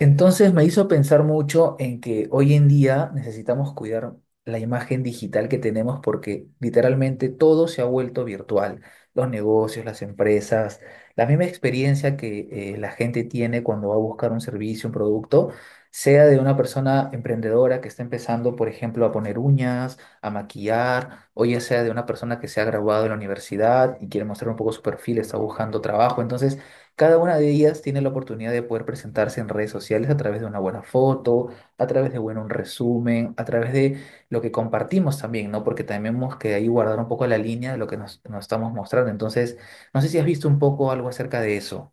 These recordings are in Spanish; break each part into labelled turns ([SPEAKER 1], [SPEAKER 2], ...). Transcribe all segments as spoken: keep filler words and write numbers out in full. [SPEAKER 1] Entonces me hizo pensar mucho en que hoy en día necesitamos cuidar la imagen digital que tenemos porque literalmente todo se ha vuelto virtual. Los negocios, las empresas, la misma experiencia que eh, la gente tiene cuando va a buscar un servicio, un producto, sea de una persona emprendedora que está empezando, por ejemplo, a poner uñas, a maquillar, o ya sea de una persona que se ha graduado de la universidad y quiere mostrar un poco su perfil, está buscando trabajo. Entonces, cada una de ellas tiene la oportunidad de poder presentarse en redes sociales a través de una buena foto, a través de bueno, un resumen, a través de lo que compartimos también, ¿no? Porque tenemos que ahí guardar un poco la línea de lo que nos, nos estamos mostrando. Entonces, no sé si has visto un poco algo acerca de eso.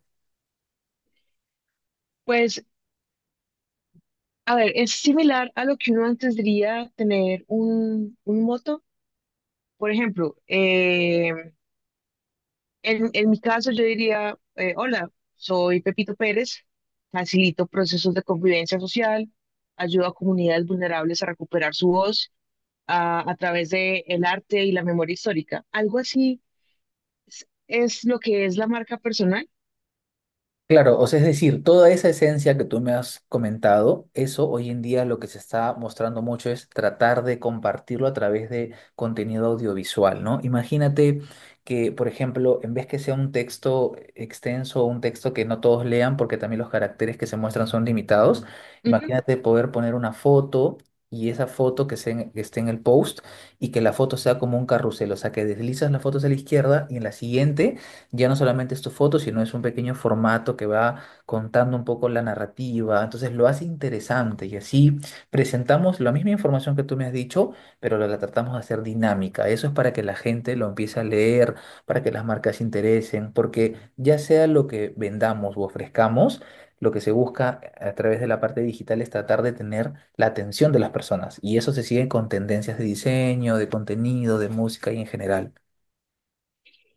[SPEAKER 2] Pues, a ver, es similar a lo que uno antes diría tener un, un moto. Por ejemplo, eh, en, en mi caso yo diría, eh, hola, soy Pepito Pérez, facilito procesos de convivencia social, ayudo a comunidades vulnerables a recuperar su voz a, a través de el arte y la memoria histórica. Algo así es, es lo que es la marca personal.
[SPEAKER 1] Claro, o sea, es decir, toda esa esencia que tú me has comentado, eso hoy en día lo que se está mostrando mucho es tratar de compartirlo a través de contenido audiovisual, ¿no? Imagínate que, por ejemplo, en vez que sea un texto extenso o un texto que no todos lean, porque también los caracteres que se muestran son limitados, imagínate poder poner una foto y esa foto que, se en- que esté en el post y que la foto sea como un carrusel, o sea, que deslizas la foto hacia la izquierda y en la siguiente ya no solamente es tu foto, sino es un pequeño formato que va contando un poco la narrativa. Entonces lo hace interesante y así presentamos la misma información que tú me has dicho, pero la, la tratamos de hacer dinámica. Eso es para que la gente lo empiece a leer, para que las marcas se interesen, porque ya sea lo que vendamos u ofrezcamos, lo que se busca a través de la parte digital es tratar de tener la atención de las personas. Y eso se sigue con tendencias de diseño, de contenido, de música y en general.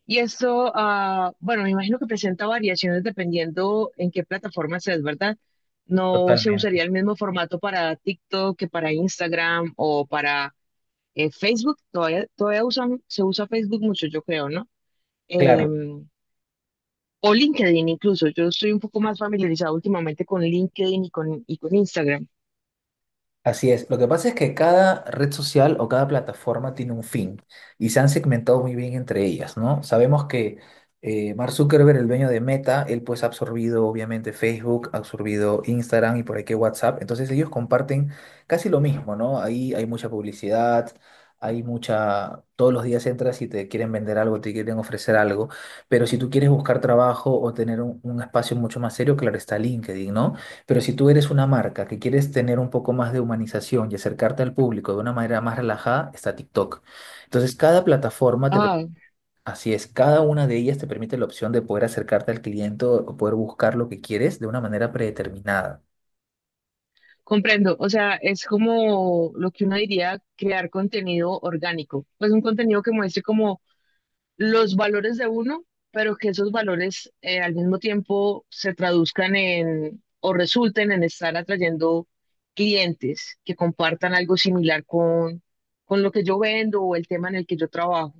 [SPEAKER 2] Y esto, ah, bueno, me imagino que presenta variaciones dependiendo en qué plataforma es, ¿verdad? No se
[SPEAKER 1] Totalmente.
[SPEAKER 2] usaría el mismo formato para TikTok que para Instagram o para eh, Facebook. Todavía, todavía usan, se usa Facebook mucho, yo creo, ¿no?
[SPEAKER 1] Claro.
[SPEAKER 2] Em, o LinkedIn incluso. Yo estoy un poco más familiarizado últimamente con LinkedIn y con, y con Instagram.
[SPEAKER 1] Así es. Lo que pasa es que cada red social o cada plataforma tiene un fin y se han segmentado muy bien entre ellas, ¿no? Sabemos que eh, Mark Zuckerberg, el dueño de Meta, él pues ha absorbido obviamente Facebook, ha absorbido Instagram y por ahí que WhatsApp. Entonces ellos comparten casi lo mismo, ¿no? Ahí hay mucha publicidad, hay mucha... Todos los días entras y te quieren vender algo, te quieren ofrecer algo, pero si tú quieres buscar trabajo o tener un, un espacio mucho más serio, claro está LinkedIn, ¿no? Pero si tú eres una marca que quieres tener un poco más de humanización y acercarte al público de una manera más relajada, está TikTok. Entonces, cada plataforma te, per-
[SPEAKER 2] Ah.
[SPEAKER 1] así es, cada una de ellas te permite la opción de poder acercarte al cliente o o poder buscar lo que quieres de una manera predeterminada.
[SPEAKER 2] Comprendo, o sea, es como lo que uno diría crear contenido orgánico, pues un contenido que muestre como los valores de uno, pero que esos valores eh, al mismo tiempo se traduzcan en o resulten en estar atrayendo clientes que compartan algo similar con, con lo que yo vendo o el tema en el que yo trabajo.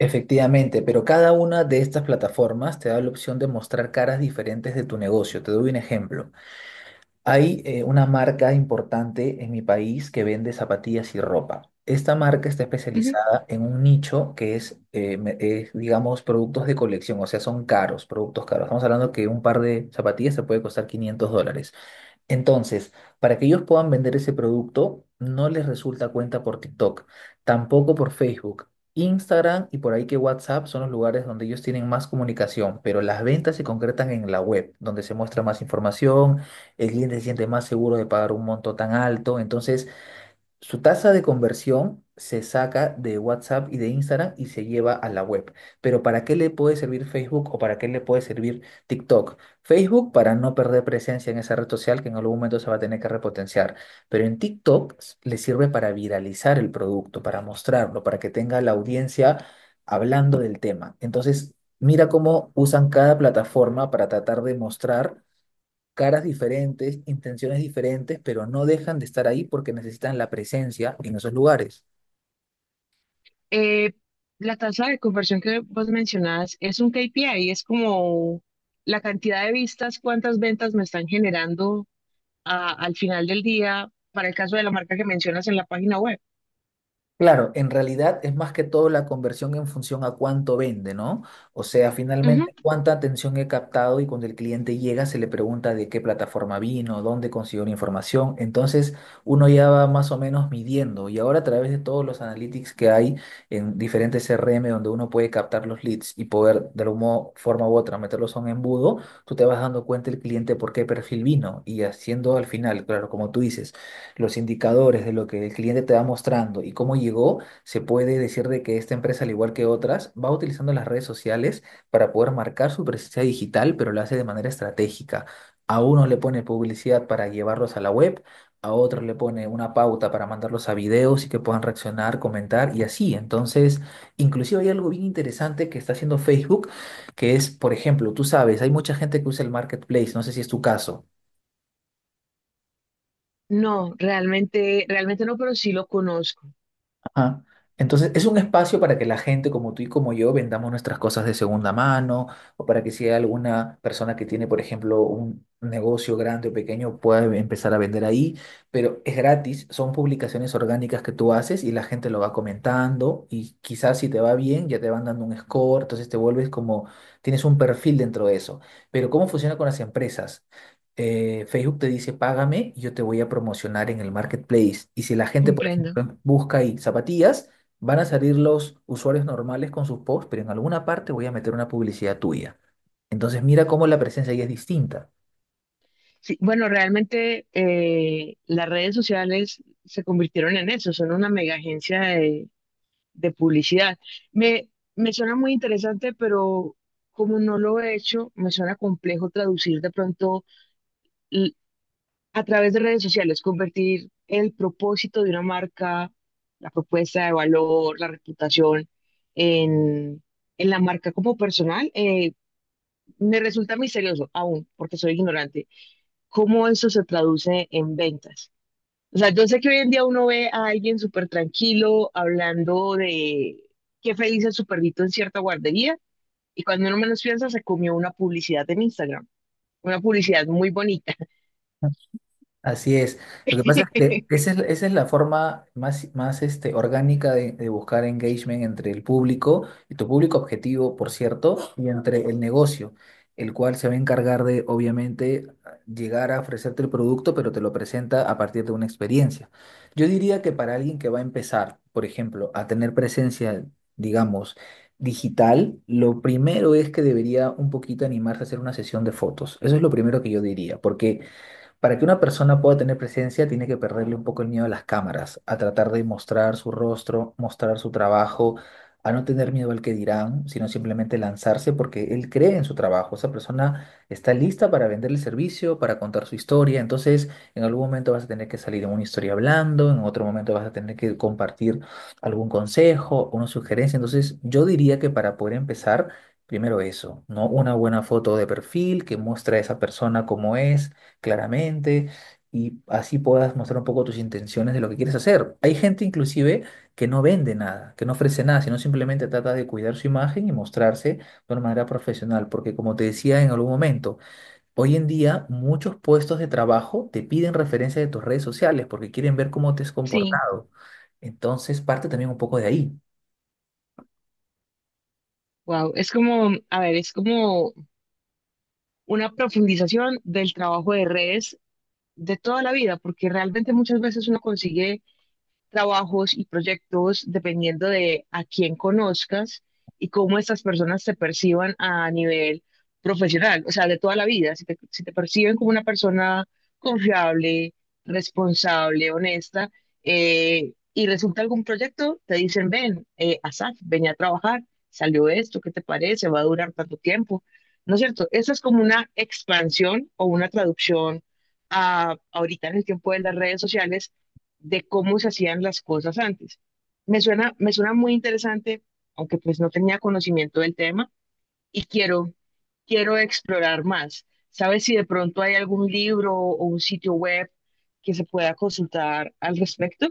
[SPEAKER 1] Efectivamente, pero cada una de estas plataformas te da la opción de mostrar caras diferentes de tu negocio. Te doy un ejemplo. Hay eh, una marca importante en mi país que vende zapatillas y ropa. Esta marca está especializada en un nicho que es, eh, me- es, digamos, productos de colección, o sea, son caros, productos caros. Estamos hablando que un par de zapatillas se puede costar quinientos dólares. Entonces, para que ellos puedan vender ese producto, no les resulta cuenta por TikTok, tampoco por Facebook. Instagram y por ahí que WhatsApp son los lugares donde ellos tienen más comunicación, pero las ventas se concretan en la web, donde se muestra más información, el cliente se siente más seguro de pagar un monto tan alto. Entonces, su tasa de conversión se saca de WhatsApp y de Instagram y se lleva a la web. Pero ¿para qué le puede servir Facebook o para qué le puede servir TikTok? Facebook para no perder presencia en esa red social que en algún momento se va a tener que repotenciar. Pero en TikTok s- le sirve para viralizar el producto, para mostrarlo, para que tenga la audiencia hablando del tema. Entonces, mira cómo usan cada plataforma para tratar de mostrar caras diferentes, intenciones diferentes, pero no dejan de estar ahí porque necesitan la presencia en esos lugares.
[SPEAKER 2] Eh, la tasa de conversión que vos mencionás es un K P I, es como la cantidad de vistas, cuántas ventas me están generando a- al final del día, para el caso de la marca que mencionas en la página web.
[SPEAKER 1] Claro, en realidad es más que todo la conversión en función a cuánto vende, ¿no? O sea, finalmente
[SPEAKER 2] Ujú.
[SPEAKER 1] cuánta atención he captado y cuando el cliente llega se le pregunta de qué plataforma vino, dónde consiguió la información. Entonces uno ya va más o menos midiendo y ahora a través de todos los analytics que hay en diferentes C R M donde uno puede captar los leads y poder de alguna forma u otra meterlos a un embudo, tú te vas dando cuenta el cliente por qué perfil vino y haciendo al final, claro, como tú dices los indicadores de lo que el cliente te va mostrando y cómo llegó, se puede decir de que esta empresa, al igual que otras, va utilizando las redes sociales para poder marcar su presencia digital, pero lo hace de manera estratégica. A uno le pone publicidad para llevarlos a la web, a otros le pone una pauta para mandarlos a videos y que puedan reaccionar, comentar y así. Entonces, inclusive hay algo bien interesante que está haciendo Facebook, que es, por ejemplo, tú sabes, hay mucha gente que usa el marketplace, no sé si es tu caso.
[SPEAKER 2] No, realmente, realmente no, pero sí lo conozco,
[SPEAKER 1] Ajá. Entonces, es un espacio para que la gente como tú y como yo vendamos nuestras cosas de segunda mano o para que si hay alguna persona que tiene, por ejemplo, un negocio grande o pequeño, pueda em- empezar a vender ahí, pero es gratis, son publicaciones orgánicas que tú haces y la gente lo va comentando y quizás si te va bien ya te van dando un score, entonces te vuelves como, tienes un perfil dentro de eso. Pero ¿cómo funciona con las empresas? eh, Facebook te dice, págame, yo te voy a promocionar en el marketplace. Y si la gente, por
[SPEAKER 2] comprendo.
[SPEAKER 1] ejemplo, busca ahí zapatillas, van a salir los usuarios normales con sus posts, pero en alguna parte voy a meter una publicidad tuya. Entonces mira cómo la presencia ahí es distinta.
[SPEAKER 2] Sí, bueno, realmente eh, las redes sociales se convirtieron en eso, son una mega agencia de publicidad. Me, me suena muy interesante, pero como no lo he hecho, me suena complejo traducir de pronto l- a través de redes sociales, convertir el propósito de una marca, la propuesta de valor, la reputación en, en la marca como personal. Eh, me resulta misterioso aún, porque soy ignorante. ¿Cómo eso se traduce en ventas? O sea, yo sé que hoy en día uno ve a alguien súper tranquilo hablando de qué feliz es su perrito en cierta guardería y cuando uno menos piensa se comió una publicidad en Instagram, una publicidad muy bonita.
[SPEAKER 1] Así es. Lo que pasa es que esa es, esa es la forma más, más este, orgánica de, de buscar engagement entre el público, y tu público objetivo, por cierto, y entre el negocio, el cual se va a encargar de, obviamente, llegar a ofrecerte el producto, pero te lo presenta a partir de una experiencia. Yo diría que para alguien que va a empezar, por ejemplo, a tener presencia, digamos, digital, lo primero es que debería un poquito animarse a hacer una sesión de fotos. Eso es lo primero que yo diría, porque... Para que una persona pueda tener presencia, tiene que perderle un poco el miedo a las cámaras, a tratar de mostrar su rostro, mostrar su trabajo, a no tener miedo al que dirán, sino simplemente lanzarse porque él cree en su trabajo. Esa persona está lista para vender el servicio, para contar su historia. Entonces, en algún momento vas a tener que salir en una historia hablando, en otro momento vas a tener que compartir algún consejo, una sugerencia. Entonces, yo diría que para poder empezar, primero eso, ¿no? Una buena foto de perfil que muestra a esa persona como es claramente y así puedas mostrar un poco tus intenciones de lo que quieres hacer. Hay gente inclusive que no vende nada, que no ofrece nada, sino simplemente trata de cuidar su imagen y mostrarse de una manera profesional, porque como te decía en algún momento, hoy en día muchos puestos de trabajo te piden referencia de tus redes sociales porque quieren ver cómo te has
[SPEAKER 2] Sí,
[SPEAKER 1] comportado. Entonces parte también un poco de ahí.
[SPEAKER 2] wow, es como, a ver, es como una profundización del trabajo de redes de toda la vida, porque realmente muchas veces uno consigue trabajos y proyectos dependiendo de a quién conozcas y cómo estas personas te perciban a nivel profesional, o sea, de toda la vida. Si te, si te perciben como una persona confiable, responsable, honesta, eh, y resulta algún proyecto, te dicen, ven, eh, Asaf, ven a trabajar, salió esto, ¿qué te parece? ¿Va a durar tanto tiempo? ¿No es cierto? Eso es como una expansión o una traducción a, ahorita en el tiempo de las redes sociales de cómo se hacían las cosas antes. Me suena, me suena muy interesante, aunque pues no tenía conocimiento del tema y quiero, quiero explorar más. ¿Sabes si de pronto hay algún libro o un sitio web que se pueda consultar al respecto?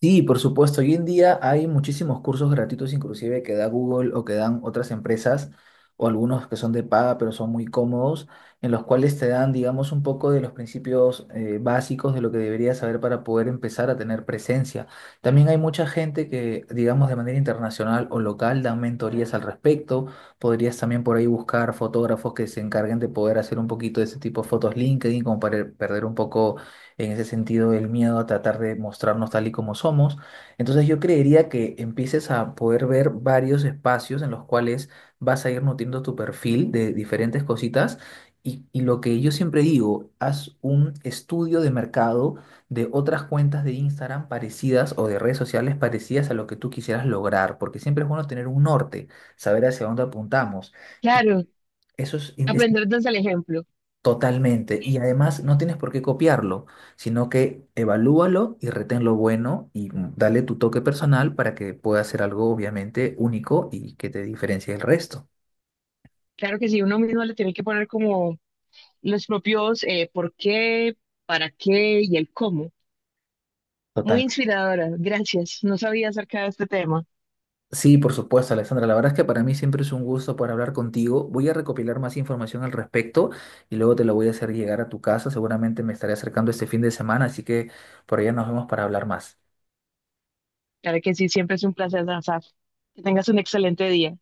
[SPEAKER 1] Sí, por supuesto. Hoy en día hay muchísimos cursos gratuitos, inclusive que da Google o que dan otras empresas, o algunos que son de paga, pero son muy cómodos, en los cuales te dan, digamos, un poco de los principios eh, básicos de lo que deberías saber para poder empezar a tener presencia. También hay mucha gente que, digamos, de manera internacional o local dan mentorías al respecto. Podrías también por ahí buscar fotógrafos que se encarguen de poder hacer un poquito de ese tipo de fotos LinkedIn, como para perder un poco en ese sentido el miedo a tratar de mostrarnos tal y como somos. Entonces yo creería que empieces a poder ver varios espacios en los cuales vas a ir nutriendo tu perfil de diferentes cositas. Y, y lo que yo siempre digo, haz un estudio de mercado de otras cuentas de Instagram parecidas o de redes sociales parecidas a lo que tú quisieras lograr, porque siempre es bueno tener un norte, saber hacia dónde apuntamos. Y
[SPEAKER 2] Claro,
[SPEAKER 1] eso es,
[SPEAKER 2] aprender desde el ejemplo.
[SPEAKER 1] Totalmente. Y además no tienes por qué copiarlo, sino que evalúalo y retén lo bueno y mm, dale tu toque personal para que pueda ser algo obviamente único y que te diferencie del resto.
[SPEAKER 2] Claro que sí, uno mismo le tiene que poner como los propios eh, por qué, para qué y el cómo.
[SPEAKER 1] Total.
[SPEAKER 2] Muy inspiradora, gracias. No sabía acerca de este tema.
[SPEAKER 1] Sí, por supuesto, Alexandra. La verdad es que para mí siempre es un gusto poder hablar contigo. Voy a recopilar más información al respecto y luego te lo voy a hacer llegar a tu casa. Seguramente me estaré acercando este fin de semana, así que por allá nos vemos para hablar más.
[SPEAKER 2] Claro que sí, siempre es un placer danzar. Que tengas un excelente día.